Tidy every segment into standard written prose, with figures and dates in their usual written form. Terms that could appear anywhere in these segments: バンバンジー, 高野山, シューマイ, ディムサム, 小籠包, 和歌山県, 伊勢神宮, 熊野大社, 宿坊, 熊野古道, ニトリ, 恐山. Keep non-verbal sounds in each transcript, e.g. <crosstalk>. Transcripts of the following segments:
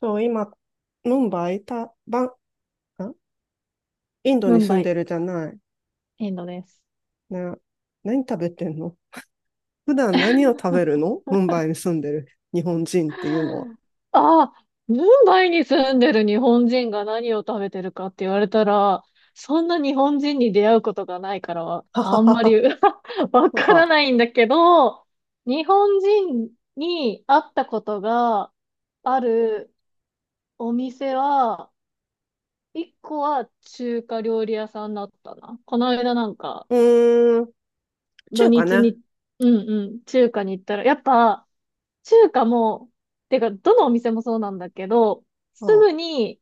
そう、今、ムンバイ、た、バン、あ、インドムにン住バんでイ、るじゃない。インドです。な、何食べてんの？普段何を食べるの？ムンバイに住んでる日本人っていうのは。ああ、ムンバイに住んでる日本人が何を食べてるかって言われたら、そんな日本人に出会うことがないからは、ははあんはまり は。<laughs> わなんからか、ないんだけど、日本人に会ったことがあるお店は、一個は中華料理屋さんだったな。この間なんか、うーん、土中華日ね。に、うんうん、中華に行ったら、やっぱ、中華も、てか、どのお店もそうなんだけど、すあぐに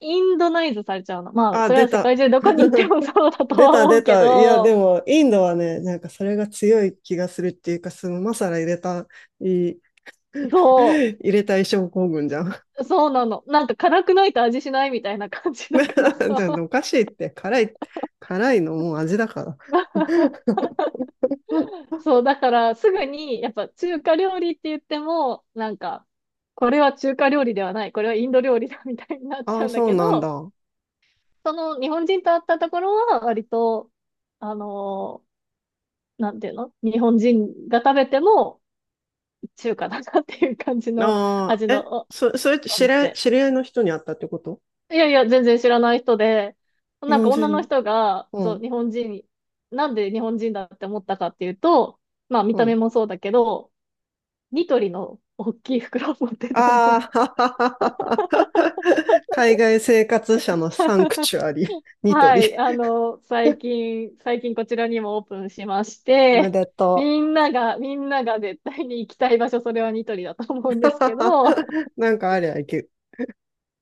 インドナイズされちゃうの。まあ、あ、それ出は世た。界中どこに行って <laughs> もそうだと出はた思出うけた。いや、でど、も、インドはね、なんかそれが強い気がするっていうか、そのマサラ入れた、いい、<laughs> そ入れたい症候群じゃん。<laughs> そうなの。なんか辛くないと味しないみたいな感じだだからってさ。おかしいって、辛い、辛いのもう味だから。<laughs> <laughs> うん。そう、だからすぐに、やっぱ中華料理って言っても、なんか、これは中華料理ではない、これはインド料理だみたいになっちあゃあ、うんだそうけなんだ。ど、あその日本人と会ったところは割と、あのなんていうの、日本人が食べても中華だなっていう感じのあ、味え、のそ、それってお知り合い、店。知り合いの人に会ったってこと？いやいや、全然知らない人で、日なんか本女の人。人が、うそう、ん、日本人、なんで日本人だって思ったかっていうと、まあ見うたん。目もそうだけど、ニトリの大きい袋を持ってたの。ああ、<laughs> 海外生活者のサンク <laughs> チュアリ、ニトはリ。い、最近こちらにもオープンしましおめて、でとみう。んなが、みんなが絶対に行きたい場所、それはニトリだと思うんですけど、<laughs> なんかありゃいけ、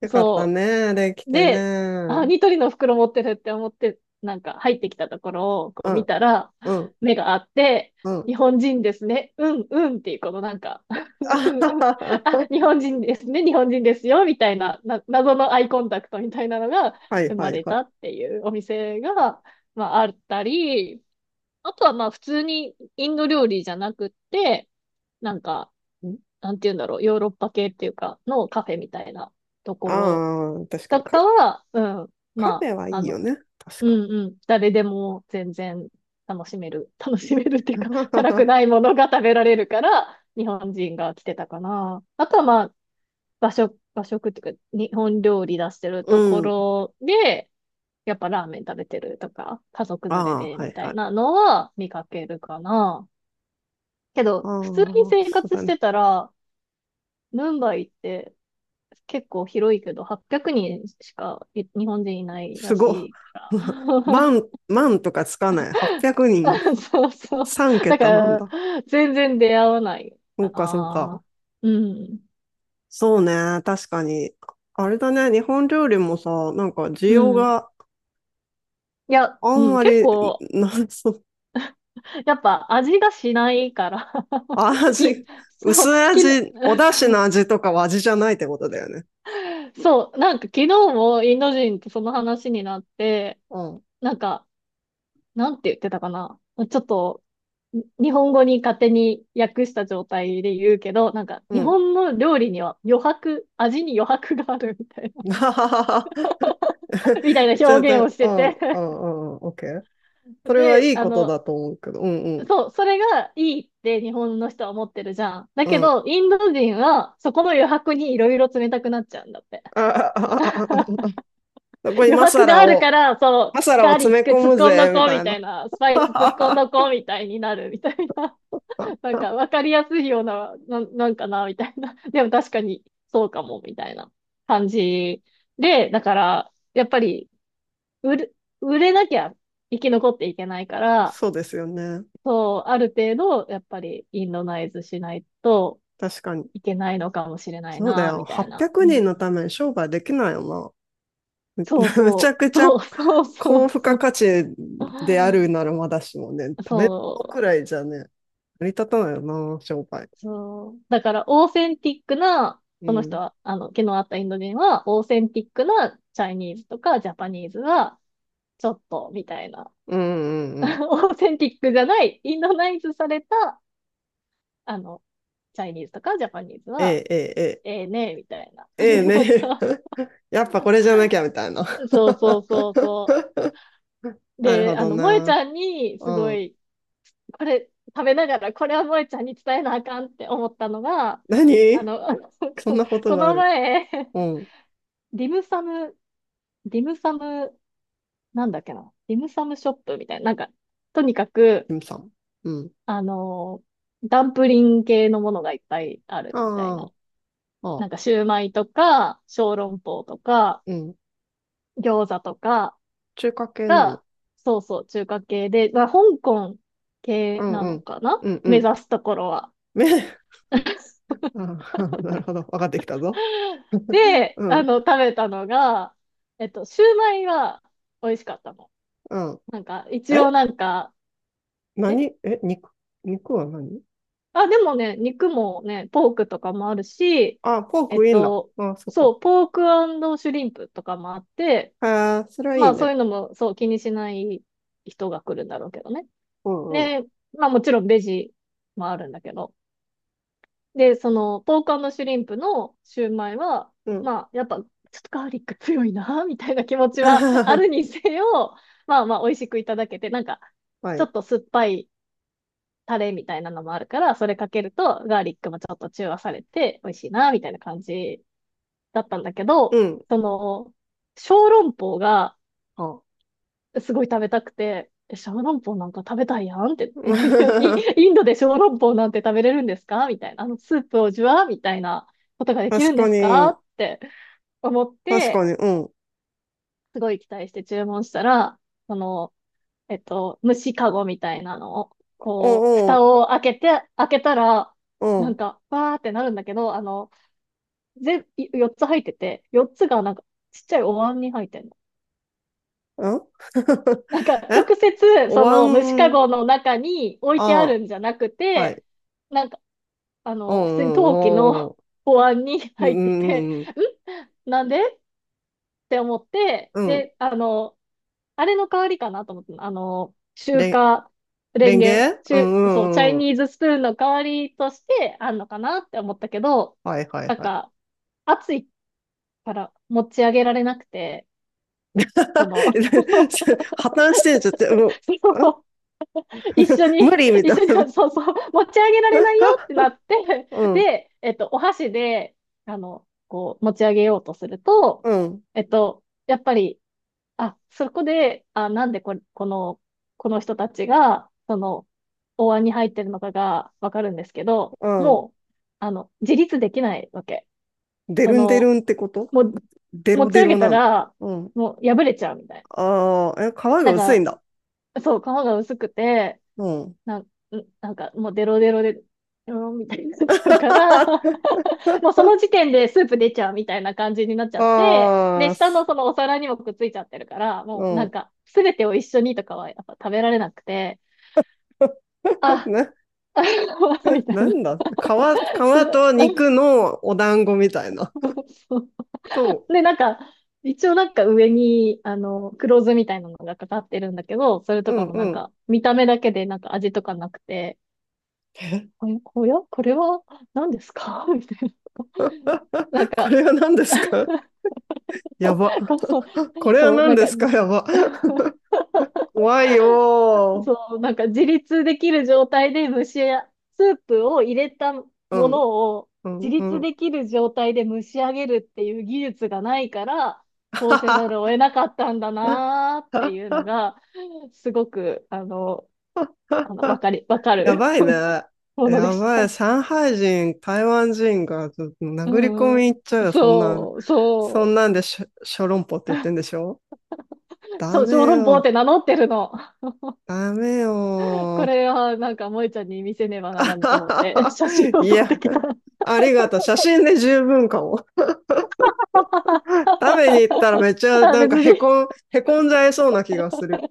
よかったそね、できう。てね。で、うあ、ん、ニトリの袋持ってるって思って、なんか入ってきたところをこう見たら、うん、目があって、うん。日本人ですね。うん、うんっていう、このなんか <laughs> う <laughs> あはんうんうん <laughs> はあ、は。日本人ですね。日本人ですよ。みたいな、謎のアイコンタクトみたいなのがはい生はまいれはたっていうお店が、まあ、あったり、あとはまあ、普通にインド料理じゃなくって、なんか、い。ん、なんて言うんだろう、ヨーロッパ系っていうか、のカフェみたいなところああ、確かとに。カ、かは、うん、カフまェはいあ、いよね。確うかんうん、誰でも全然楽しめる、<laughs> 楽しめるってに。いうか、<laughs> 辛く <laughs> ないものが食べられるから、日本人が来てたかな。あとはまあ、和食、和食っていうか、日本料理出してるうとこん。ろで、やっぱラーメン食べてるとか、家族連れああ、ではみいたはいい。なのは見かけるかな。けあど、普通にあ、生そう活だしね。てたら、ムンバイって結構広いけど、800人しかい日本人いないすらしごい。いか <laughs> 万、万とかつかない。800ら。人。<laughs> そうそう。3だか桁なんだ。ら、全然出会わないそかうか、そうか。な。うん。そうね。確かに。あれだね。日本料理もさ、なんか需う要ん。がいや、あんうん、ま結り、構、なんそう、やっぱ味がしないから <laughs> に、味、そう、薄きの、味、お <laughs> 出そ汁う、の味とかは味じゃないってことだよね。そう、なんか昨日もインド人とその話になって、うん。なんか、なんて言ってたかな。ちょっと、日本語に勝手に訳した状態で言うけど、なんかう日ん。本の料理には余白、味に余白があるみたいな、<laughs> はははは。<laughs> みたいなちょっ表現をと、しうてん、て、うん、うん、うん、オッケー。それはで、いいことだと思うけど。うん、うん、そう、それがいいって日本の人は思ってるじゃん。だうけん。ど、インド人はそこの余白にいろいろ冷たくなっちゃうんだって。あああああ、そこに余マ白サがラあるかを、ら、そマサう、ラガをー詰リッめク込突っむ込んどぜ、みこうたみいたいな。な、スパイス突っ込ん <laughs> どこうみたいになるみたいな。なんか分かりやすいような、なんかな、みたいな。<laughs> でも確かにそうかも、みたいな感じで、だから、やっぱり売れ、売れなきゃ生き残っていけないから、そうですよね。そう、ある程度、やっぱりインドナイズしないと確かに。いけないのかもしれないそうだな、よ。みたい800な。うん、人のために商売できないよな。<laughs> むちゃくちゃそうそうそ高う付そ加う。価値であるならまだしもね、食べるそくらいじゃね、成り立たないよな、商売。そう。だから、オーセンティックな、うん。毛のあったインド人は、オーセンティックなチャイニーズとかジャパニーズは、ちょっと、みたいな。うんうん <laughs> うん。オーセンティックじゃない、インドナイズされた、あの、チャイニーズとかジャパニーズは、ええええええねえみたいなえ感え。ええじだっね。た。<laughs> やっぱこれじゃなきゃみたいな。<laughs> そうそう <laughs> そうそう。なるで、ほど萌えちな。ゃんに、うすごん。い、これ、食べながら、これは萌えちゃんに伝えなあかんって思ったのが、あ何？の、そん <laughs> なことこがあのる？前、うん。ディムサム、ディムサム、なんだっけな、ディムサムショップみたいな、なんか、とにかキく、ムさん。うん。あのーダンプリン系のものがいっぱいあるみたいああ、な。ああ、なんか、シューマイとか、小籠包とか、うん。餃子とか中華系なが、の？そうそう、中華系で、まあ、香港系うんなうのん。かな、うんう目ん。指すところは。め、<laughs> ああ、なるほど。分かってきたぞ。<laughs> で、うん、食べたのが、えっと、シューマイは美味しかったの。うん。なんか、一え、応なんか、え何？え、肉？肉は何？あ、でもね、肉もね、ポークとかもあるし、あ、ポーえクっいいんだ。と、あ、そっそか。う、ポークシュリンプとかもあって、へえ、それはいまいあそうね。いうのも、そう、気にしない人が来るんだろうけどね。うんうん。で、まあもちろんベジもあるんだけど。で、その、ポークシュリンプのシューマイは、うん。まあやっぱ、ちょっとガーリック強いな、<laughs> みたいな気持ちはあるに <laughs> せよ、まあまあ美味しくいただけて、なんか、はちょい。っと酸っぱいタレみたいなのもあるから、それかけるとガーリックもちょっと中和されて美味しいな、みたいな感じだったんだけうど、ん。その、小籠包があ。すごい食べたくて、え小籠包なんか食べたいやんって、<laughs> なんで、イイ <laughs> ンドで小籠包なんて食べれるんですかみたいな、あのスープをジュワーみたいなことができ確るんでかすかに。って思っ確かて、に。うん。すごい期待して注文したら、その、えっと、虫かごみたいなのを、うこう、ん蓋うん。を開けて、開けたら、うなんん。か、わーってなるんだけど、全、4つ入ってて、4つがなんか、ちっちゃいお椀に入ってんの。うん。 なんか、<laughs> え、直接、おその虫か椀。ごの中に置いてあるあんじゃなくあ、はて、い。なんか、お普通にう、ん、陶器の お <laughs> にう、ん入ってうて、ん。うんんなんでって思って、うんうん。で、あれの代わりかなと思って、レン、レレンンゲ、ゲ。うん。中、うそう、チャイんうん。ニーズスプーンの代わりとしてあんのかなって思ったけど、はいはいなんはい。か、暑いから持ち上げられなくて、その、<laughs> そ <laughs> 破綻してんじゃって、うん、あ、 の <laughs> 一緒に、無理み一たい緒に、な。そうそう、持ち上げられないよって <laughs> なって、うん、で、えっと、お箸で、こう、持ち上げようとすると、うん、えっと、やっぱり、あ、そこで、あ、なんでこ、この人たちが、その、お椀に入ってるのかがわかるんですけど、うん。もう、自立できないわけ。デそルンデルの、ンってこと？もう、デ持ロちデ上ロげたなの？ら、うん。もう破れちゃうみたいああ、え、皮がな。薄ないんんかだ。そう、皮が薄くて、うん。なん、んなんかもうデロデロで、うん、みたいになっちゃうから、<laughs> <laughs> もうその時点でスープ出ちゃうみたいな感じになっちゃって、で、ああ、下のす、そのお皿にもくっついちゃってるから、うもうなんん。か、すべてを一緒にとかはやっぱ食べられなくて、<laughs> あ、な、あ <laughs> みたいなな。んだ、皮、<laughs> す 皮と肉のお団子みたいな。<laughs> そうと、で、なんか、一応なんか上に、黒酢みたいなのがかかってるんだけど、それうとかんもうなんん。か、見た目だけでなんか味とかなくて、え、 おやこれは何ですか <laughs> みたいな。なん <laughs> こか、れは何ですか？やば。こ <laughs> れはそうな何んか、ですか？やば。怖いよそう、なんか自立できる状態で蒸しや、スープを入れたもー。うん、のをう自ん、う立ん。できる状態で蒸し上げるっていう技術がないから、こうせざるを得なかったんだ <laughs> なーっていうのが、すごく、わかやる ばいね。<laughs> ものでやした。ばい。上海人、台湾人がちょっと殴り込うみ行っちゃうん。よ、そんなん。そう、そんそなんでしょ、小籠包って言ってんでしょ？ダそう、小メ籠包っよ。て名乗ってるの。ダメこよ。 れはなんか萌えちゃんに見せねばならぬと思って、写真 <laughs> をい撮ってや、きた。ありがとう。写真で十分かも。食べに行ったらめっち <laughs> ゃあ、なんか別へに、こん、へこんじゃいそうな気がする。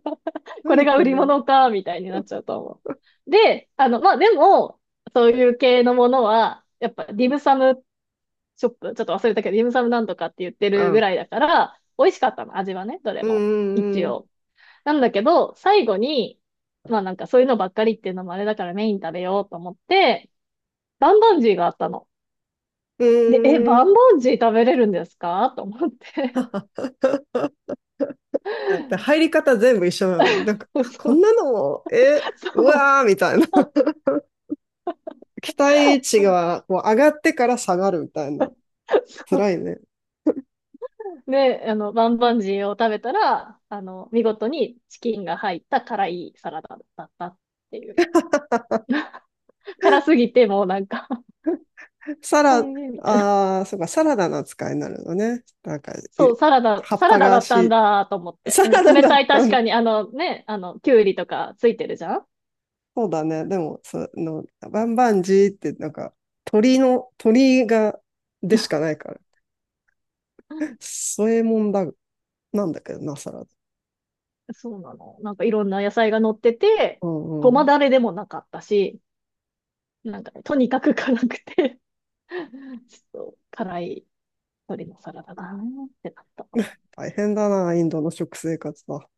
これ何がこ売りれ？物か、みたいになっちゃうと思う。で、まあ、でも、そういう系のものは、やっぱ、ディムサムショップ、ちょっと忘れたけど、ディムサムなんとかって言ってうるぐん。らいだから、美味しかったの、味はね、どれうんも。う一んうん。応。なんだけど、最後に、まあなんかそういうのばっかりっていうのもあれだからメイン食べようと思って、バンバンジーがあったの。うで、え、ーん。バンバンジー食べれるんですかと思って。で入り <laughs> 方全部一緒なのに。なんか、あ、そこんう。なのも、え、うわーみたいな。<laughs> 期待値がこう上がってから下がるみたいな。そう辛いね。で、バンバンジーを食べたら、見事にチキンが入った辛いサラダだったっていう。辛すぎて、もうなんか <laughs> サあ、ラ、ええみたいな。ああ、そうか、サラダの扱いになるのね。なんか、い、そう、葉っサラぱダだがったんし、だと思って。サうん、ラダ冷だたっい、た確かの？に、あのね、きゅうりとかついてるじゃん。そうだね。でも、その、バンバンジーって、なんか、鳥の、鳥が、でしかないから。そういうもんだ、なんだけどな、サラダ。そうなの。なんかいろんな野菜が乗ってて、うごんうん。まだれでもなかったし、なんかね、とにかく辛くて <laughs> ちょっと辛い鶏のサラダだなってなった。大変だな、インドの食生活は。